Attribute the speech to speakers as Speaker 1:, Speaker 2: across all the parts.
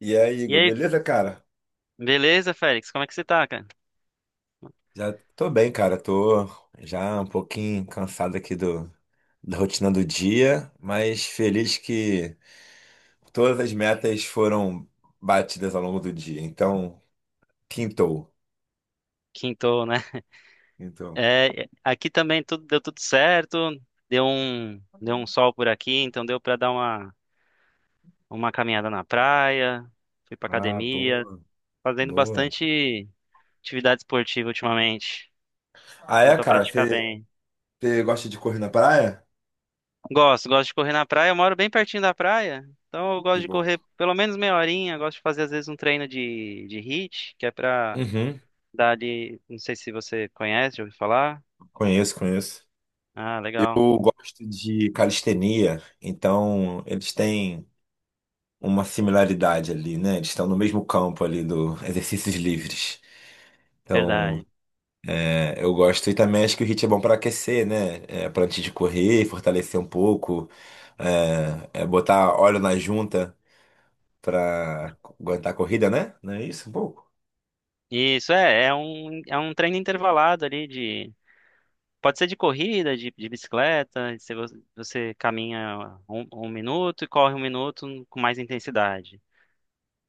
Speaker 1: E aí,
Speaker 2: E
Speaker 1: Igor,
Speaker 2: aí,
Speaker 1: beleza, cara?
Speaker 2: beleza, Félix? Como é que você tá, cara?
Speaker 1: Já tô bem, cara. Tô já um pouquinho cansado aqui da rotina do dia, mas feliz que todas as metas foram batidas ao longo do dia. Então, quintou.
Speaker 2: Quintou, né?
Speaker 1: Então.
Speaker 2: É, aqui também tudo deu tudo certo. Deu um sol por aqui, então deu pra dar uma caminhada na praia. Fui pra
Speaker 1: Ah,
Speaker 2: academia,
Speaker 1: boa,
Speaker 2: fazendo
Speaker 1: boa.
Speaker 2: bastante atividade esportiva ultimamente.
Speaker 1: Ah,
Speaker 2: Dando
Speaker 1: é,
Speaker 2: pra
Speaker 1: cara?
Speaker 2: praticar
Speaker 1: Você
Speaker 2: bem.
Speaker 1: você gosta de correr na praia?
Speaker 2: Gosto, gosto de correr na praia. Eu moro bem pertinho da praia, então eu gosto
Speaker 1: Que
Speaker 2: de
Speaker 1: bom.
Speaker 2: correr pelo menos meia horinha. Gosto de fazer às vezes um treino de HIIT, que é pra
Speaker 1: Uhum,
Speaker 2: dar ali. Não sei se você conhece, já ouviu falar.
Speaker 1: conheço, conheço.
Speaker 2: Ah, legal.
Speaker 1: Eu gosto de calistenia, então eles têm uma similaridade ali, né? Eles estão no mesmo campo ali do exercícios livres. Então,
Speaker 2: Verdade.
Speaker 1: é, eu gosto e também acho que o HIIT é bom para aquecer, né? É, para antes de correr, fortalecer um pouco, é botar óleo na junta para aguentar a corrida, né? Não é isso? Um pouco.
Speaker 2: Isso é um treino intervalado ali de. Pode ser de corrida, de bicicleta, se você caminha um minuto e corre um minuto com mais intensidade.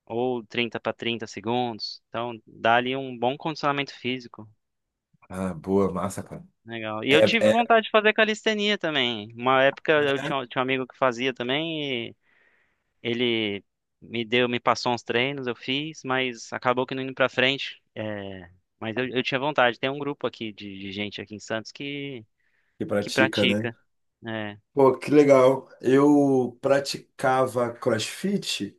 Speaker 2: Ou 30 para 30 segundos. Então, dá ali um bom condicionamento físico.
Speaker 1: Ah, boa, massa, cara.
Speaker 2: Legal. E eu
Speaker 1: É,
Speaker 2: tive
Speaker 1: é,
Speaker 2: vontade de fazer calistenia também. Uma época eu
Speaker 1: né?
Speaker 2: tinha um amigo que fazia também. Ele me me passou uns treinos, eu fiz, mas acabou que não indo pra frente. É, mas eu tinha vontade. Tem um grupo aqui de gente aqui em Santos
Speaker 1: Que
Speaker 2: que
Speaker 1: pratica, né?
Speaker 2: pratica, né?
Speaker 1: Pô, que legal. Eu praticava CrossFit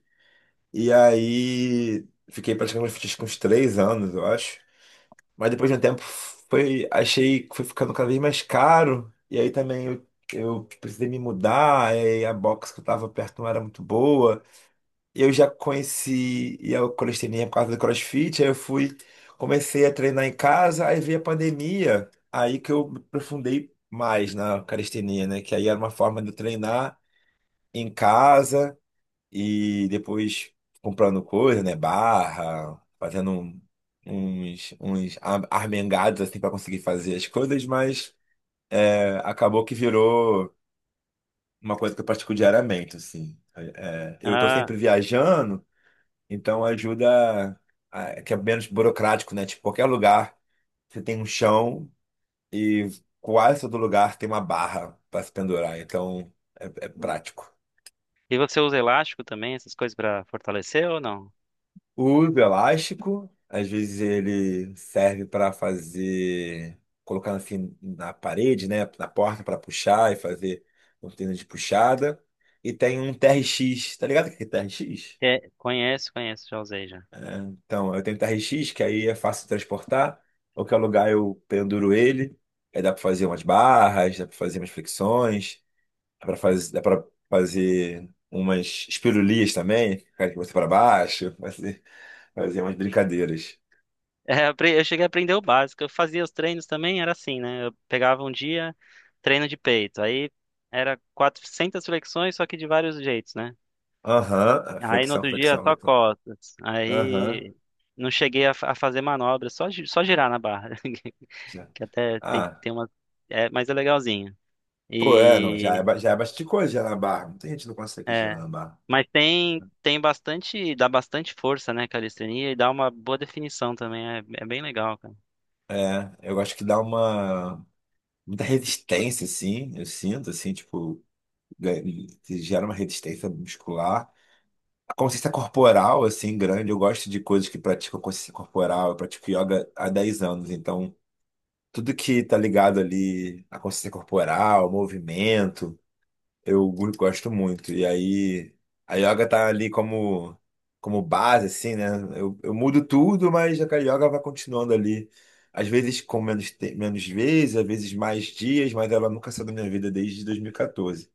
Speaker 1: e aí fiquei praticando CrossFit com uns 3 anos, eu acho. Mas depois de um tempo foi, achei que foi ficando cada vez mais caro. E aí também eu precisei me mudar, aí a box que eu tava perto não era muito boa. E eu já conheci e a calistenia por causa do CrossFit, aí eu fui, comecei a treinar em casa, aí veio a pandemia, aí que eu me aprofundei mais na calistenia, né? Que aí era uma forma de eu treinar em casa. E depois comprando coisa, né? Barra, fazendo uns armengados assim para conseguir fazer as coisas, mas é, acabou que virou uma coisa que eu pratico diariamente, assim. Eu tô
Speaker 2: Ah,
Speaker 1: sempre viajando, então ajuda que é menos burocrático, né? Tipo, qualquer lugar você tem um chão e quase todo lugar tem uma barra para se pendurar, então é prático.
Speaker 2: e você usa elástico também, essas coisas pra fortalecer ou não?
Speaker 1: Uso elástico, às vezes ele serve para fazer, colocar assim na parede, né, na porta para puxar e fazer cortina de puxada. E tem um TRX, tá ligado o que é TRX?
Speaker 2: É, conheço, conheço, já usei já.
Speaker 1: Então, eu tenho TRX, que aí é fácil de transportar, qualquer lugar eu penduro ele, aí dá para fazer umas barras, dá para fazer umas flexões, dá para fazer umas espirulias também, ficar de cabeça para baixo, fazer, fazer umas brincadeiras.
Speaker 2: É, eu cheguei a aprender o básico. Eu fazia os treinos também, era assim, né? Eu pegava um dia, treino de peito. Aí era 400 flexões, só que de vários jeitos, né?
Speaker 1: Aham, ah,
Speaker 2: Aí no
Speaker 1: flexão,
Speaker 2: outro dia
Speaker 1: flexão,
Speaker 2: só
Speaker 1: flexão.
Speaker 2: costas.
Speaker 1: Aham,
Speaker 2: Aí não cheguei a, a fazer manobra, só, só girar na barra,
Speaker 1: já.
Speaker 2: que até
Speaker 1: Ah,
Speaker 2: tem uma. É, mas é legalzinho.
Speaker 1: pô, é, não, já é,
Speaker 2: E
Speaker 1: já é bastante coisa girar na barra. Muita gente não consegue girar
Speaker 2: é,
Speaker 1: na barra.
Speaker 2: mas tem bastante, dá bastante força, né, calistenia e dá uma boa definição também, é, é bem legal, cara.
Speaker 1: É, eu acho que dá uma, muita resistência, assim, eu sinto, assim, tipo, ga- gera uma resistência muscular. A consciência corporal, assim, grande, eu gosto de coisas que praticam consciência corporal, eu pratico yoga há 10 anos, então, tudo que tá ligado ali à consciência corporal, ao movimento, eu gosto muito. E aí a yoga tá ali como, como base, assim, né? Eu mudo tudo, mas a yoga vai continuando ali. Às vezes com menos, menos vezes, às vezes mais dias, mas ela nunca saiu da minha vida desde 2014.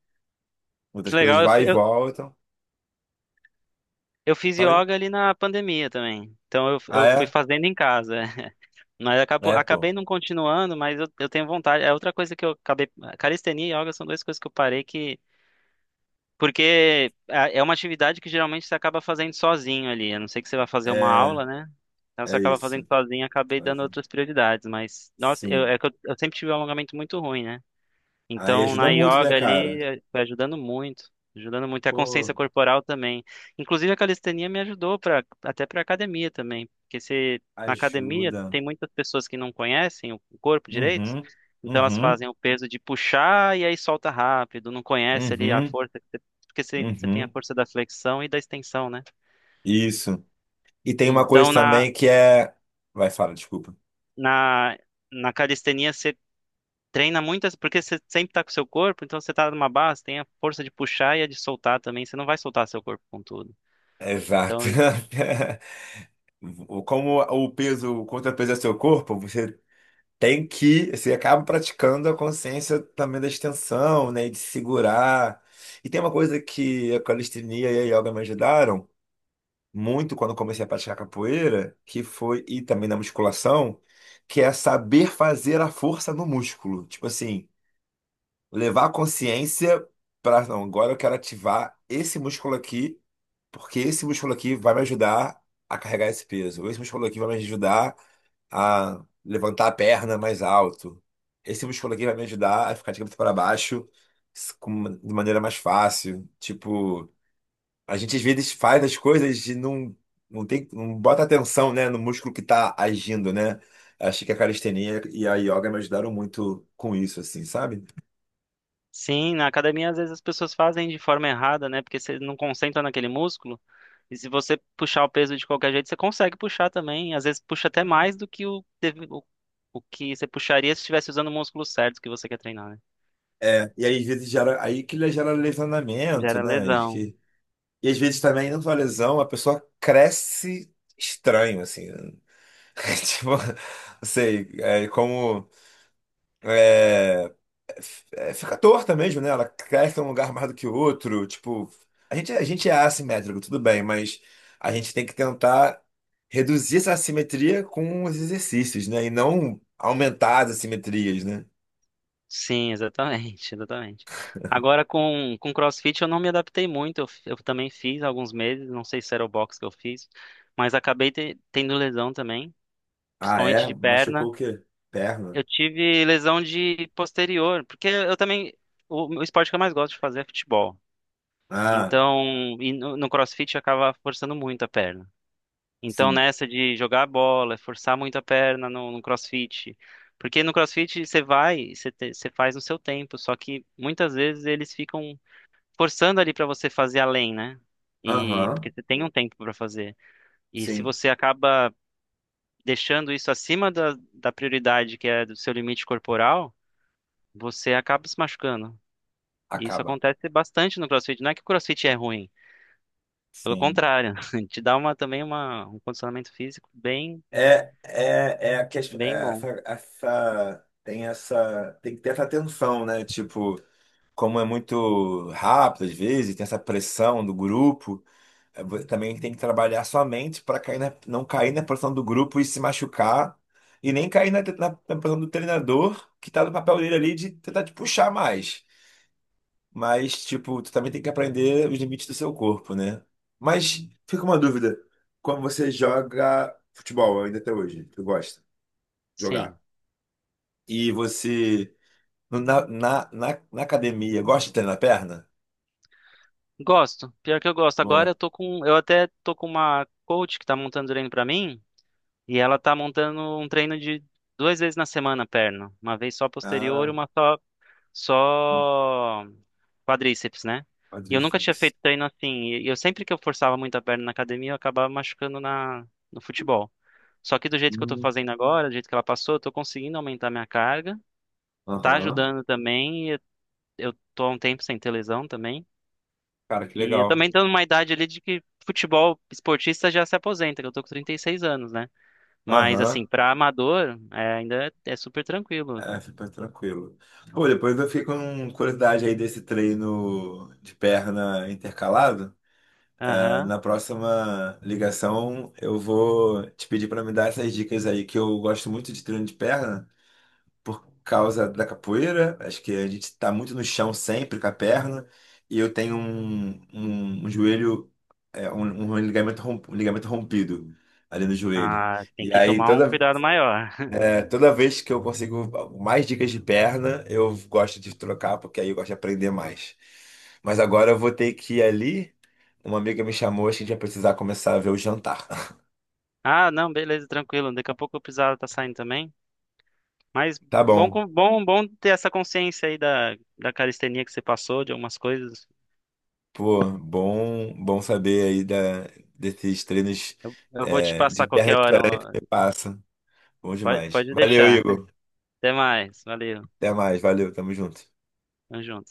Speaker 1: Muitas
Speaker 2: Que
Speaker 1: coisas
Speaker 2: legal,
Speaker 1: vai e voltam.
Speaker 2: eu fiz
Speaker 1: Falei.
Speaker 2: yoga ali na pandemia também. Então
Speaker 1: Ah,
Speaker 2: eu fui
Speaker 1: é?
Speaker 2: fazendo em casa. Mas
Speaker 1: É, pô.
Speaker 2: acabei não continuando, mas eu tenho vontade. É outra coisa que eu acabei. Calistenia e yoga são duas coisas que eu parei que porque é uma atividade que geralmente você acaba fazendo sozinho ali. A não ser que você vá fazer uma
Speaker 1: É,
Speaker 2: aula, né? Então você
Speaker 1: é
Speaker 2: acaba fazendo
Speaker 1: isso.
Speaker 2: sozinho, acabei dando
Speaker 1: Sozinho.
Speaker 2: outras prioridades. Mas, nossa,
Speaker 1: Sim.
Speaker 2: é que eu sempre tive um alongamento muito ruim, né?
Speaker 1: Aí
Speaker 2: Então,
Speaker 1: ajuda
Speaker 2: na
Speaker 1: muito, né,
Speaker 2: yoga
Speaker 1: cara?
Speaker 2: ali, foi ajudando muito. E a consciência
Speaker 1: Pô,
Speaker 2: corporal também. Inclusive, a calistenia me ajudou pra, até para academia também. Porque se, na academia
Speaker 1: ajuda.
Speaker 2: tem muitas pessoas que não conhecem o corpo direito,
Speaker 1: Uhum,
Speaker 2: então elas
Speaker 1: uhum,
Speaker 2: fazem o peso de puxar e aí solta rápido, não conhece ali a
Speaker 1: uhum,
Speaker 2: força, porque você tem a
Speaker 1: uhum.
Speaker 2: força da flexão e da extensão, né?
Speaker 1: Isso. E tem uma
Speaker 2: Então,
Speaker 1: coisa também que é. Vai, fala, desculpa.
Speaker 2: na, na calistenia, treina muitas, porque você sempre tá com o seu corpo, então você tá numa base, tem a força de puxar e a de soltar também, você não vai soltar seu corpo com tudo. Então,
Speaker 1: Exato. Como o peso, o contrapeso é seu corpo, você tem que, você acaba praticando a consciência também da extensão, né? E de segurar. E tem uma coisa que a calistenia e a yoga me ajudaram muito quando eu comecei a praticar capoeira, que foi, e também na musculação, que é saber fazer a força no músculo. Tipo assim, levar a consciência para, não, agora eu quero ativar esse músculo aqui. Porque esse músculo aqui vai me ajudar a carregar esse peso. Esse músculo aqui vai me ajudar a levantar a perna mais alto. Esse músculo aqui vai me ajudar a ficar de cabeça para baixo de maneira mais fácil. Tipo, a gente às vezes faz as coisas e não, não tem, não bota atenção, né, no músculo que tá agindo, né? Achei que a calistenia e a yoga me ajudaram muito com isso, assim, sabe?
Speaker 2: sim, na academia às vezes as pessoas fazem de forma errada, né? Porque você não concentra naquele músculo, e se você puxar o peso de qualquer jeito, você consegue puxar também, às vezes puxa até mais do que o que você puxaria se estivesse usando o músculo certo que você quer treinar, né?
Speaker 1: É, e aí às vezes gera, aí que gera lesionamento,
Speaker 2: Gera
Speaker 1: né?
Speaker 2: lesão.
Speaker 1: E às vezes também, não só lesão, a pessoa cresce estranho, assim. né? Tipo, não sei, é como. É, é, é, fica torta mesmo, né? Ela cresce em um lugar mais do que o outro. Tipo, a gente é assimétrico, tudo bem, mas a gente tem que tentar reduzir essa assimetria com os exercícios, né? E não aumentar as assimetrias, né?
Speaker 2: Sim, exatamente, exatamente. Agora com CrossFit eu não me adaptei muito, eu também fiz alguns meses, não sei se era o box que eu fiz, mas acabei tendo lesão também,
Speaker 1: Ah,
Speaker 2: principalmente
Speaker 1: é?
Speaker 2: de
Speaker 1: Machucou o
Speaker 2: perna.
Speaker 1: quê? Perna?
Speaker 2: Eu tive lesão de posterior, porque eu também, o esporte que eu mais gosto de fazer é futebol.
Speaker 1: Ah,
Speaker 2: Então, e no CrossFit acaba forçando muito a perna. Então,
Speaker 1: sim.
Speaker 2: nessa de jogar a bola, forçar muito a perna no CrossFit. Porque no CrossFit você vai, você faz no seu tempo, só que muitas vezes eles ficam forçando ali pra você fazer além, né? E porque
Speaker 1: Aham,
Speaker 2: você tem um tempo pra fazer. E se
Speaker 1: sim.
Speaker 2: você acaba deixando isso acima da prioridade que é do seu limite corporal, você acaba se machucando. E isso
Speaker 1: Acaba.
Speaker 2: acontece bastante no CrossFit. Não é que o CrossFit é ruim, pelo
Speaker 1: Sim.
Speaker 2: contrário, te dá uma também um condicionamento físico bem,
Speaker 1: É, é, é a ques-
Speaker 2: bem
Speaker 1: é
Speaker 2: bom.
Speaker 1: essa, tem essa tem que ter essa tensão, né? Tipo, como é muito rápido às vezes, tem essa pressão do grupo, é, também tem que trabalhar sua mente para não cair na pressão do grupo e se machucar, e nem cair na pressão do treinador, que tá no papel dele ali de tentar te puxar mais. Mas, tipo, tu também tem que aprender os limites do seu corpo, né? Mas fica uma dúvida, quando você joga futebol ainda até hoje, tu gosta?
Speaker 2: Sim.
Speaker 1: Jogar. E você, na academia, gosta de treinar a perna?
Speaker 2: Gosto, pior que eu gosto. Agora
Speaker 1: Boa.
Speaker 2: eu tô com, eu até tô com uma coach que tá montando treino pra mim, e ela tá montando um treino de duas vezes na semana perna, uma vez só posterior
Speaker 1: Ah,
Speaker 2: e uma só
Speaker 1: hum,
Speaker 2: só quadríceps, né? E eu nunca tinha
Speaker 1: quadríceps.
Speaker 2: feito treino assim, e eu sempre que eu forçava muito a perna na academia, eu acabava machucando na no futebol. Só que do jeito que eu tô
Speaker 1: Hum,
Speaker 2: fazendo agora, do jeito que ela passou, eu tô conseguindo aumentar minha carga, tá
Speaker 1: Aham.
Speaker 2: ajudando também, e eu tô há um tempo sem ter lesão também.
Speaker 1: Cara, que
Speaker 2: E eu
Speaker 1: legal.
Speaker 2: também tô numa idade ali de que futebol esportista já se aposenta, que eu tô com 36 anos, né? Mas assim,
Speaker 1: Aham.
Speaker 2: pra amador, é, ainda é super tranquilo.
Speaker 1: É, fica tranquilo. Pô, depois eu fiquei com curiosidade aí desse treino de perna intercalado. Ah,
Speaker 2: Aham.
Speaker 1: na próxima ligação, eu vou te pedir para me dar essas dicas aí, que eu gosto muito de treino de perna por causa da capoeira. Acho que a gente está muito no chão sempre com a perna. E eu tenho um joelho, é, um ligamento, um ligamento rompido ali no joelho.
Speaker 2: Ah, tem
Speaker 1: E
Speaker 2: que
Speaker 1: aí
Speaker 2: tomar um
Speaker 1: toda,
Speaker 2: cuidado maior.
Speaker 1: é, toda vez que eu consigo mais dicas de perna, eu gosto de trocar, porque aí eu gosto de aprender mais. Mas agora eu vou ter que ir ali. Uma amiga me chamou, acho que a gente vai precisar começar a ver o jantar.
Speaker 2: Ah, não, beleza, tranquilo. Daqui a pouco o Pizarro tá saindo também. Mas
Speaker 1: Tá
Speaker 2: bom,
Speaker 1: bom.
Speaker 2: bom, bom ter essa consciência aí da calistenia que você passou, de algumas coisas.
Speaker 1: Pô, bom, bom saber aí desses treinos
Speaker 2: Eu vou te
Speaker 1: de
Speaker 2: passar
Speaker 1: terra
Speaker 2: qualquer hora,
Speaker 1: diferente
Speaker 2: ó.
Speaker 1: que você passa. Bom demais.
Speaker 2: Pode
Speaker 1: Valeu,
Speaker 2: deixar.
Speaker 1: Igor.
Speaker 2: Até mais. Valeu.
Speaker 1: Até mais. Valeu, tamo junto.
Speaker 2: Tamo junto.